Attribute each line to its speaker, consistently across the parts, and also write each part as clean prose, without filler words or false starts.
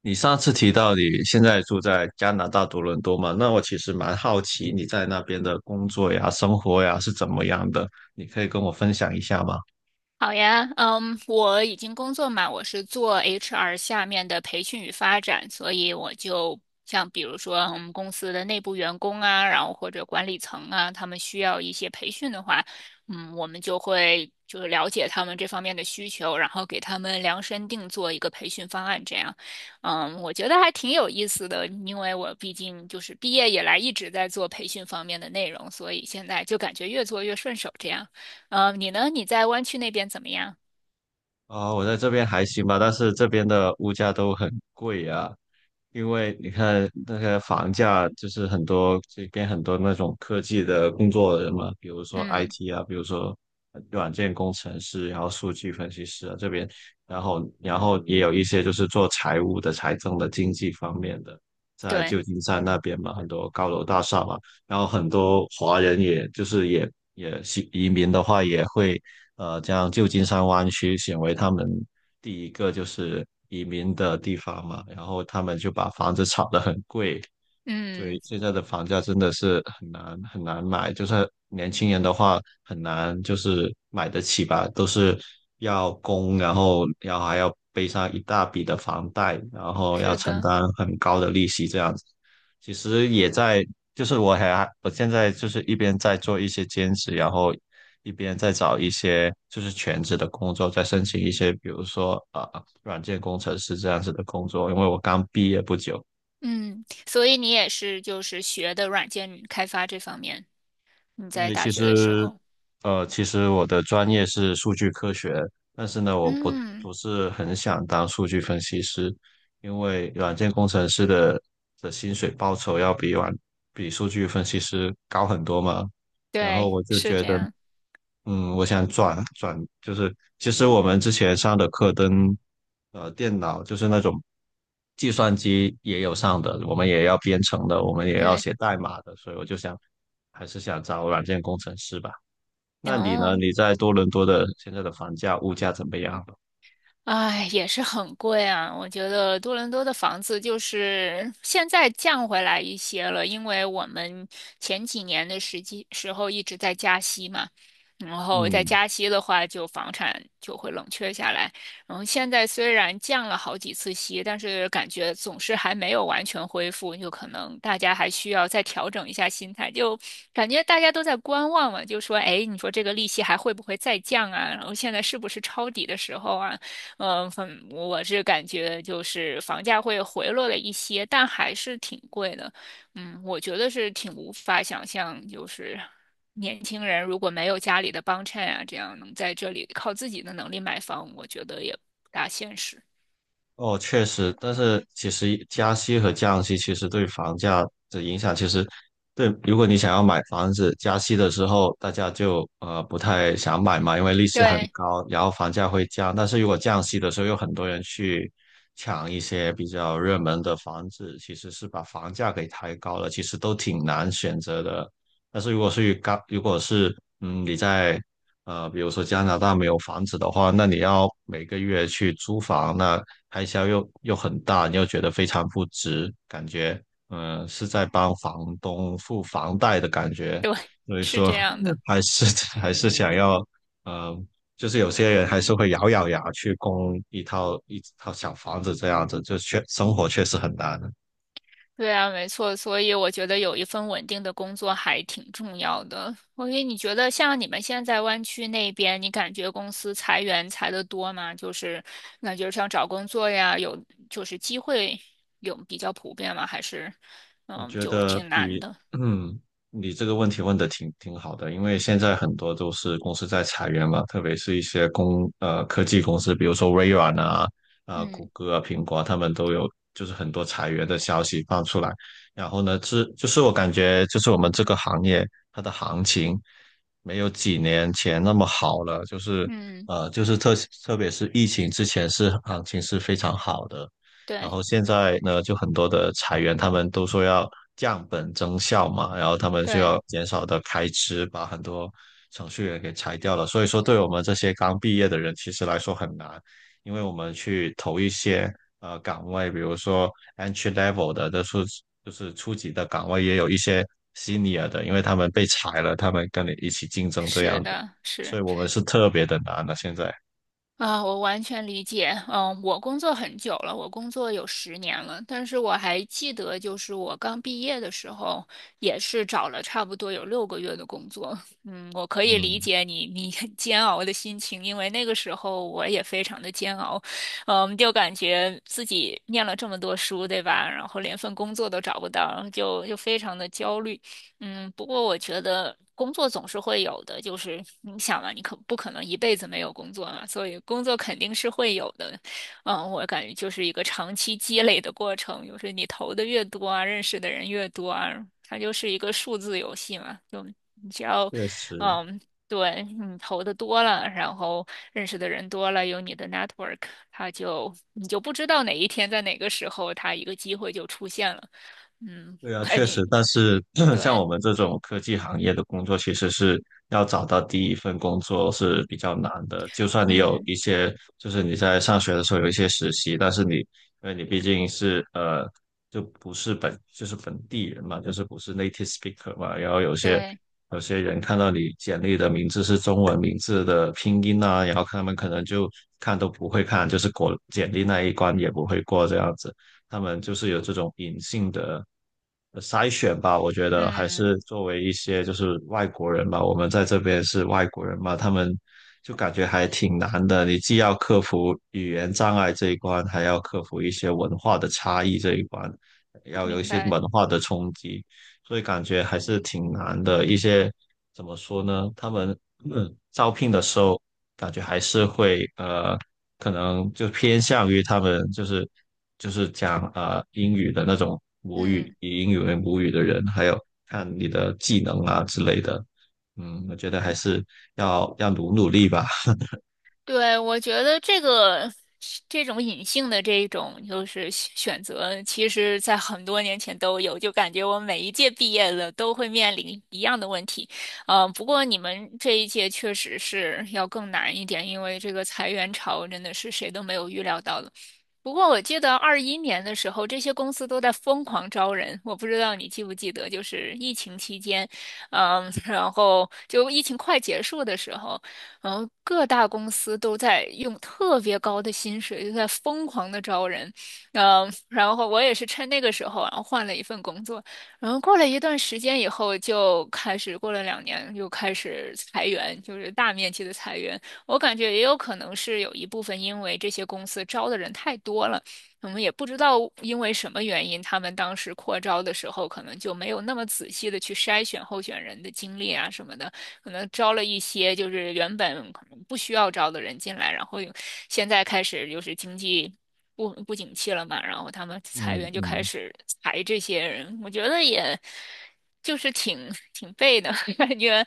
Speaker 1: 你上次提到你现在住在加拿大多伦多嘛？那我其实蛮好奇你在那边的工作呀、生活呀是怎么样的，你可以跟我分享一下吗？
Speaker 2: 好呀，我已经工作嘛，我是做 HR 下面的培训与发展，所以我就像比如说我们公司的内部员工啊，然后或者管理层啊，他们需要一些培训的话，我们就会就是了解他们这方面的需求，然后给他们量身定做一个培训方案，这样，我觉得还挺有意思的，因为我毕竟就是毕业以来一直在做培训方面的内容，所以现在就感觉越做越顺手，这样。你呢？你在湾区那边怎么样？
Speaker 1: 啊、我在这边还行吧，但是这边的物价都很贵呀、因为你看那个房价，就是很多这边很多那种科技的工作人嘛，比如说
Speaker 2: 嗯，
Speaker 1: IT 啊，比如说软件工程师，然后数据分析师啊这边，然后也有一些就是做财务的、财政的、经济方面的，在
Speaker 2: 对，
Speaker 1: 旧金山那边嘛，很多高楼大厦嘛，然后很多华人也就是也是移民的话，也会将旧金山湾区选为他们第一个就是移民的地方嘛，然后他们就把房子炒得很贵。对，
Speaker 2: 嗯，
Speaker 1: 现在的房价真的是很难很难买，就是年轻人的话很难就是买得起吧，都是要供，然后要还要背上一大笔的房贷，然后要
Speaker 2: 是
Speaker 1: 承
Speaker 2: 的，
Speaker 1: 担很高的利息这样子。其实也在，就是我现在就是一边在做一些兼职，然后一边在找一些就是全职的工作，在申请一些比如说软件工程师这样子的工作，因为我刚毕业不久。
Speaker 2: 嗯，所以你也是就是学的软件开发这方面，你在
Speaker 1: 对，
Speaker 2: 大
Speaker 1: 其
Speaker 2: 学的时
Speaker 1: 实，
Speaker 2: 候，
Speaker 1: 其实我的专业是数据科学，但是呢，我不
Speaker 2: 嗯，
Speaker 1: 不是很想当数据分析师，因为软件工程师的的薪水报酬要比数据分析师高很多嘛。然后
Speaker 2: 对，
Speaker 1: 我就
Speaker 2: 是
Speaker 1: 觉
Speaker 2: 这
Speaker 1: 得，
Speaker 2: 样，
Speaker 1: 嗯，我想转转，就是其实我们之前上的课跟电脑，就是那种计算机也有上的，我们也要编程的，我们也要
Speaker 2: 对，
Speaker 1: 写代码的，所以我就想还是想找软件工程师吧。那你呢？
Speaker 2: 哦。
Speaker 1: 你在多伦多的现在的房价、物价怎么样？
Speaker 2: 哎，也是很贵啊！我觉得多伦多的房子就是现在降回来一些了，因为我们前几年的时候一直在加息嘛，然后在
Speaker 1: 嗯。
Speaker 2: 加息的话，就房产就会冷却下来。然后现在虽然降了好几次息，但是感觉总是还没有完全恢复，就可能大家还需要再调整一下心态，就感觉大家都在观望嘛，就说，哎，你说这个利息还会不会再降啊？然后现在是不是抄底的时候啊？嗯，我是感觉就是房价会回落了一些，但还是挺贵的。嗯，我觉得是挺无法想象，就是年轻人如果没有家里的帮衬啊，这样能在这里靠自己的能力买房，我觉得也不大现实。
Speaker 1: 哦，确实，但是其实加息和降息其实对房价的影响，其实对，如果你想要买房子，加息的时候大家就不太想买嘛，因为利息很
Speaker 2: 对
Speaker 1: 高，然后房价会降。但是如果降息的时候，有很多人去抢一些比较热门的房子，其实是把房价给抬高了，其实都挺难选择的。但是如果是高，如果是你在比如说加拿大没有房子的话，那你要每个月去租房，那开销又很大，你又觉得非常不值，感觉是在帮房东付房贷的感觉，
Speaker 2: 对，
Speaker 1: 所以
Speaker 2: 是
Speaker 1: 说
Speaker 2: 这样的。
Speaker 1: 还是 还是想要呃，就是有些人还是会咬咬牙去供一套小房子这样子，就生活确实很难。
Speaker 2: 对啊，没错，所以我觉得有一份稳定的工作还挺重要的。所以你觉得像你们现在湾区那边，你感觉公司裁员裁的多吗？就是感觉像找工作呀，有就是机会有比较普遍吗？还是
Speaker 1: 我
Speaker 2: 嗯，
Speaker 1: 觉
Speaker 2: 就
Speaker 1: 得
Speaker 2: 挺难
Speaker 1: 比，
Speaker 2: 的？
Speaker 1: 嗯，你这个问题问的挺好的，因为现在很多都是公司在裁员嘛，特别是一些科技公司，比如说微软啊、啊、谷
Speaker 2: 嗯
Speaker 1: 歌啊、苹果啊，他们都有就是很多裁员的消息放出来。然后呢，这就是我感觉就是我们这个行业它的行情没有几年前那么好了，就是
Speaker 2: 嗯，
Speaker 1: 呃就是特特别是疫情之前是行情是非常好的。然
Speaker 2: 对
Speaker 1: 后现在呢，就很多的裁员，他们都说要降本增效嘛，然后他们就
Speaker 2: 对，
Speaker 1: 要减少的开支，把很多程序员给裁掉了。所以说，对我们这些刚毕业的人，其实来说很难，因为我们去投一些岗位，比如说 entry level 的，就是初级的岗位，也有一些 senior 的，因为他们被裁了，他们跟你一起竞争这样
Speaker 2: 是
Speaker 1: 子，
Speaker 2: 的，
Speaker 1: 所
Speaker 2: 是。
Speaker 1: 以我们是特别的难的现在。
Speaker 2: 啊，我完全理解。嗯，我工作很久了，我工作有十年了，但是我还记得，就是我刚毕业的时候，也是找了差不多有六个月的工作。嗯，我可以理
Speaker 1: 嗯，
Speaker 2: 解你很煎熬的心情，因为那个时候我也非常的煎熬。嗯，就感觉自己念了这么多书，对吧？然后连份工作都找不到，就非常的焦虑。嗯，不过我觉得工作总是会有的，就是你想嘛，你可不可能一辈子没有工作嘛？所以工作肯定是会有的。嗯，我感觉就是一个长期积累的过程，就是你投的越多啊，认识的人越多啊，它就是一个数字游戏嘛。就你只要，
Speaker 1: 确实。
Speaker 2: 嗯，对，你投的多了，然后认识的人多了，有你的 network，你就不知道哪一天在哪个时候，它一个机会就出现了。嗯，
Speaker 1: 对 啊，
Speaker 2: 哎，
Speaker 1: 确
Speaker 2: 你
Speaker 1: 实，但是 像我
Speaker 2: 对。
Speaker 1: 们这种科技行业的工作，其实是要找到第一份工作是比较难的。就算你有
Speaker 2: 嗯。
Speaker 1: 一些，就是你在上学的时候有一些实习，但是你，因为你毕竟是就不是本，就是本地人嘛，就是不是 native speaker 嘛，然后
Speaker 2: 对，
Speaker 1: 有些人看到你简历的名字是中文名字的拼音啊，然后他们可能就看都不会看，就是过简历那一关也不会过这样子。他们就是有这种隐性的筛选吧。我觉得还
Speaker 2: 嗯，
Speaker 1: 是作为一些就是外国人吧，我们在这边是外国人嘛，他们就感觉还挺难的。你既要克服语言障碍这一关，还要克服一些文化的差异这一关，要有一
Speaker 2: 明
Speaker 1: 些
Speaker 2: 白，
Speaker 1: 文化的冲击，所以感觉还是挺难的。一些怎么说呢？他们 嗯招聘的时候感觉还是会可能就偏向于他们就是讲英语的那种母语，
Speaker 2: 嗯。
Speaker 1: 以英语为母语的人，还有看你的技能啊之类的。嗯，我觉得还是要努努力吧。
Speaker 2: 对，我觉得这个这种隐性的这种就是选择，其实在很多年前都有，就感觉我每一届毕业了都会面临一样的问题。嗯，不过你们这一届确实是要更难一点，因为这个裁员潮真的是谁都没有预料到的。不过我记得二一年的时候，这些公司都在疯狂招人，我不知道你记不记得，就是疫情期间，嗯，然后就疫情快结束的时候。然后各大公司都在用特别高的薪水，就在疯狂的招人，嗯，然后我也是趁那个时候，然后换了一份工作，然后过了一段时间以后，就开始过了两年，又开始裁员，就是大面积的裁员。我感觉也有可能是有一部分因为这些公司招的人太多了，我们也不知道因为什么原因，他们当时扩招的时候可能就没有那么仔细的去筛选候选人的经历啊什么的。可能招了一些就是原本可能不需要招的人进来，然后有现在开始就是经济不景气了嘛，然后他们裁
Speaker 1: 嗯
Speaker 2: 员就开
Speaker 1: 嗯，
Speaker 2: 始裁这些人，我觉得也就是挺背的 感觉，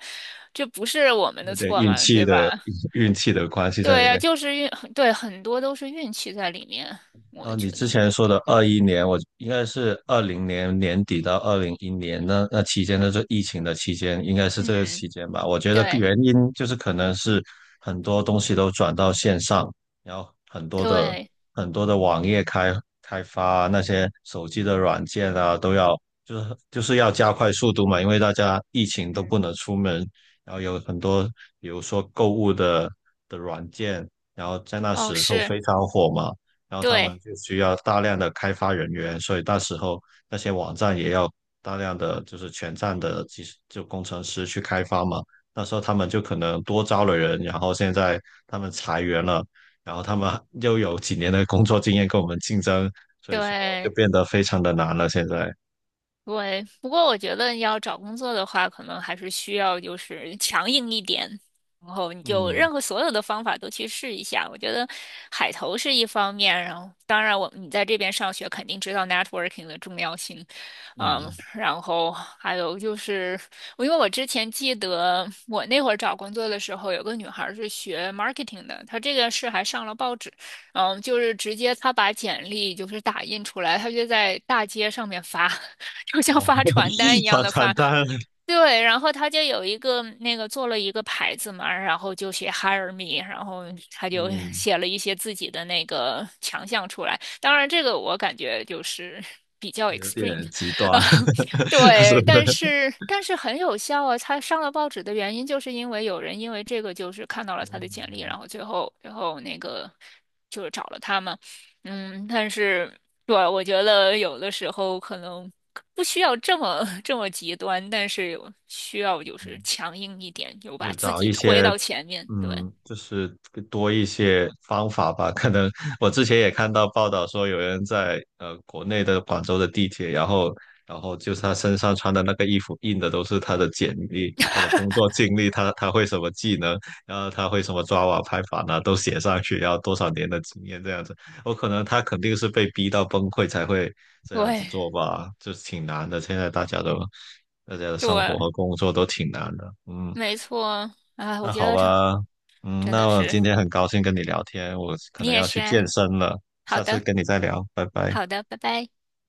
Speaker 2: 这不是我们
Speaker 1: 有
Speaker 2: 的
Speaker 1: 点
Speaker 2: 错
Speaker 1: 运
Speaker 2: 嘛，
Speaker 1: 气
Speaker 2: 对
Speaker 1: 的
Speaker 2: 吧？
Speaker 1: 运气的关系在
Speaker 2: 对
Speaker 1: 里
Speaker 2: 呀，
Speaker 1: 面。
Speaker 2: 就是运，对，很多都是运气在里面，我
Speaker 1: 你
Speaker 2: 觉
Speaker 1: 之
Speaker 2: 得，
Speaker 1: 前说的二一年，我应该是二零年年底到二零一年那期间，那就疫情的期间，应该是这个
Speaker 2: 嗯，
Speaker 1: 期间吧。我觉得
Speaker 2: 对
Speaker 1: 原因就是可能是很多东西都转到线上，然后很多的
Speaker 2: 对，
Speaker 1: 很多的网页开发啊那些手机的软件啊，都要就是要加快速度嘛，因为大家疫情都
Speaker 2: 嗯，
Speaker 1: 不能出门，然后有很多比如说购物的的软件。
Speaker 2: 哦，
Speaker 1: 时候
Speaker 2: 是，
Speaker 1: 非常火嘛，然后他们
Speaker 2: 对
Speaker 1: 就需要大量的开发人员，所以那时候那些网站也要大量的就是全站的技术就工程师去开发嘛。那时候他们就可能多招了人，然后现在他们裁员了，然后他们又有几年的工作经验跟我们竞争，所以说就
Speaker 2: 对。
Speaker 1: 变得非常的难了。现在，
Speaker 2: 对，不过我觉得要找工作的话，可能还是需要就是强硬一点，然后你就
Speaker 1: 嗯
Speaker 2: 任何所有的方法都去试一下。我觉得海投是一方面，然后当然你在这边上学肯定知道 networking 的重要性，嗯，
Speaker 1: 嗯，
Speaker 2: 然后还有就是因为我之前记得我那会儿找工作的时候，有个女孩儿是学 marketing 的，她这个是还上了报纸，嗯，就是直接她把简历就是打印出来，她就在大街上面发。就像
Speaker 1: 哦，
Speaker 2: 发传单一 样
Speaker 1: 发
Speaker 2: 的
Speaker 1: 传
Speaker 2: 发。
Speaker 1: 单，
Speaker 2: 对，然后他就有一个那个做了一个牌子嘛，然后就写 Hire me，然后他就
Speaker 1: 嗯，
Speaker 2: 写了一些自己的那个强项出来。当然，这个我感觉就是 比较
Speaker 1: 有
Speaker 2: extreme，
Speaker 1: 点极
Speaker 2: 呃，
Speaker 1: 端，是不是
Speaker 2: 对，但是很有效啊。他上了报纸的原因，就是因为有人因为这个就是看到了他的简历，然后最后那个就是找了他嘛。嗯，但是对，我觉得有的时候可能不需要这么极端，但是有需要就是强硬一点，就把
Speaker 1: 就
Speaker 2: 自
Speaker 1: 找
Speaker 2: 己
Speaker 1: 一
Speaker 2: 推
Speaker 1: 些
Speaker 2: 到前面。对，
Speaker 1: 嗯，就是多一些方法吧。可能我之前也看到报道说，有人在国内的广州的地铁，然后然后就是他身上穿的那个衣服印的都是他的简历、他的工作经历、他他会什么技能，然后他会什么抓瓦拍法呢，都写上去，然后多少年的经验这样子。我可能他肯定是被逼到崩溃才会这样子
Speaker 2: 对，
Speaker 1: 做吧，就是挺难的。现在大家的生活
Speaker 2: 对，
Speaker 1: 和工作都挺难的，嗯。
Speaker 2: 没错啊，
Speaker 1: 那
Speaker 2: 我觉
Speaker 1: 好
Speaker 2: 得这
Speaker 1: 吧，嗯，
Speaker 2: 真的
Speaker 1: 那我
Speaker 2: 是
Speaker 1: 今天很高兴跟你聊天，我可
Speaker 2: 你
Speaker 1: 能
Speaker 2: 也
Speaker 1: 要去
Speaker 2: 是啊。
Speaker 1: 健身了，
Speaker 2: 好
Speaker 1: 下次
Speaker 2: 的，
Speaker 1: 跟你再聊，拜拜。
Speaker 2: 好的，拜拜。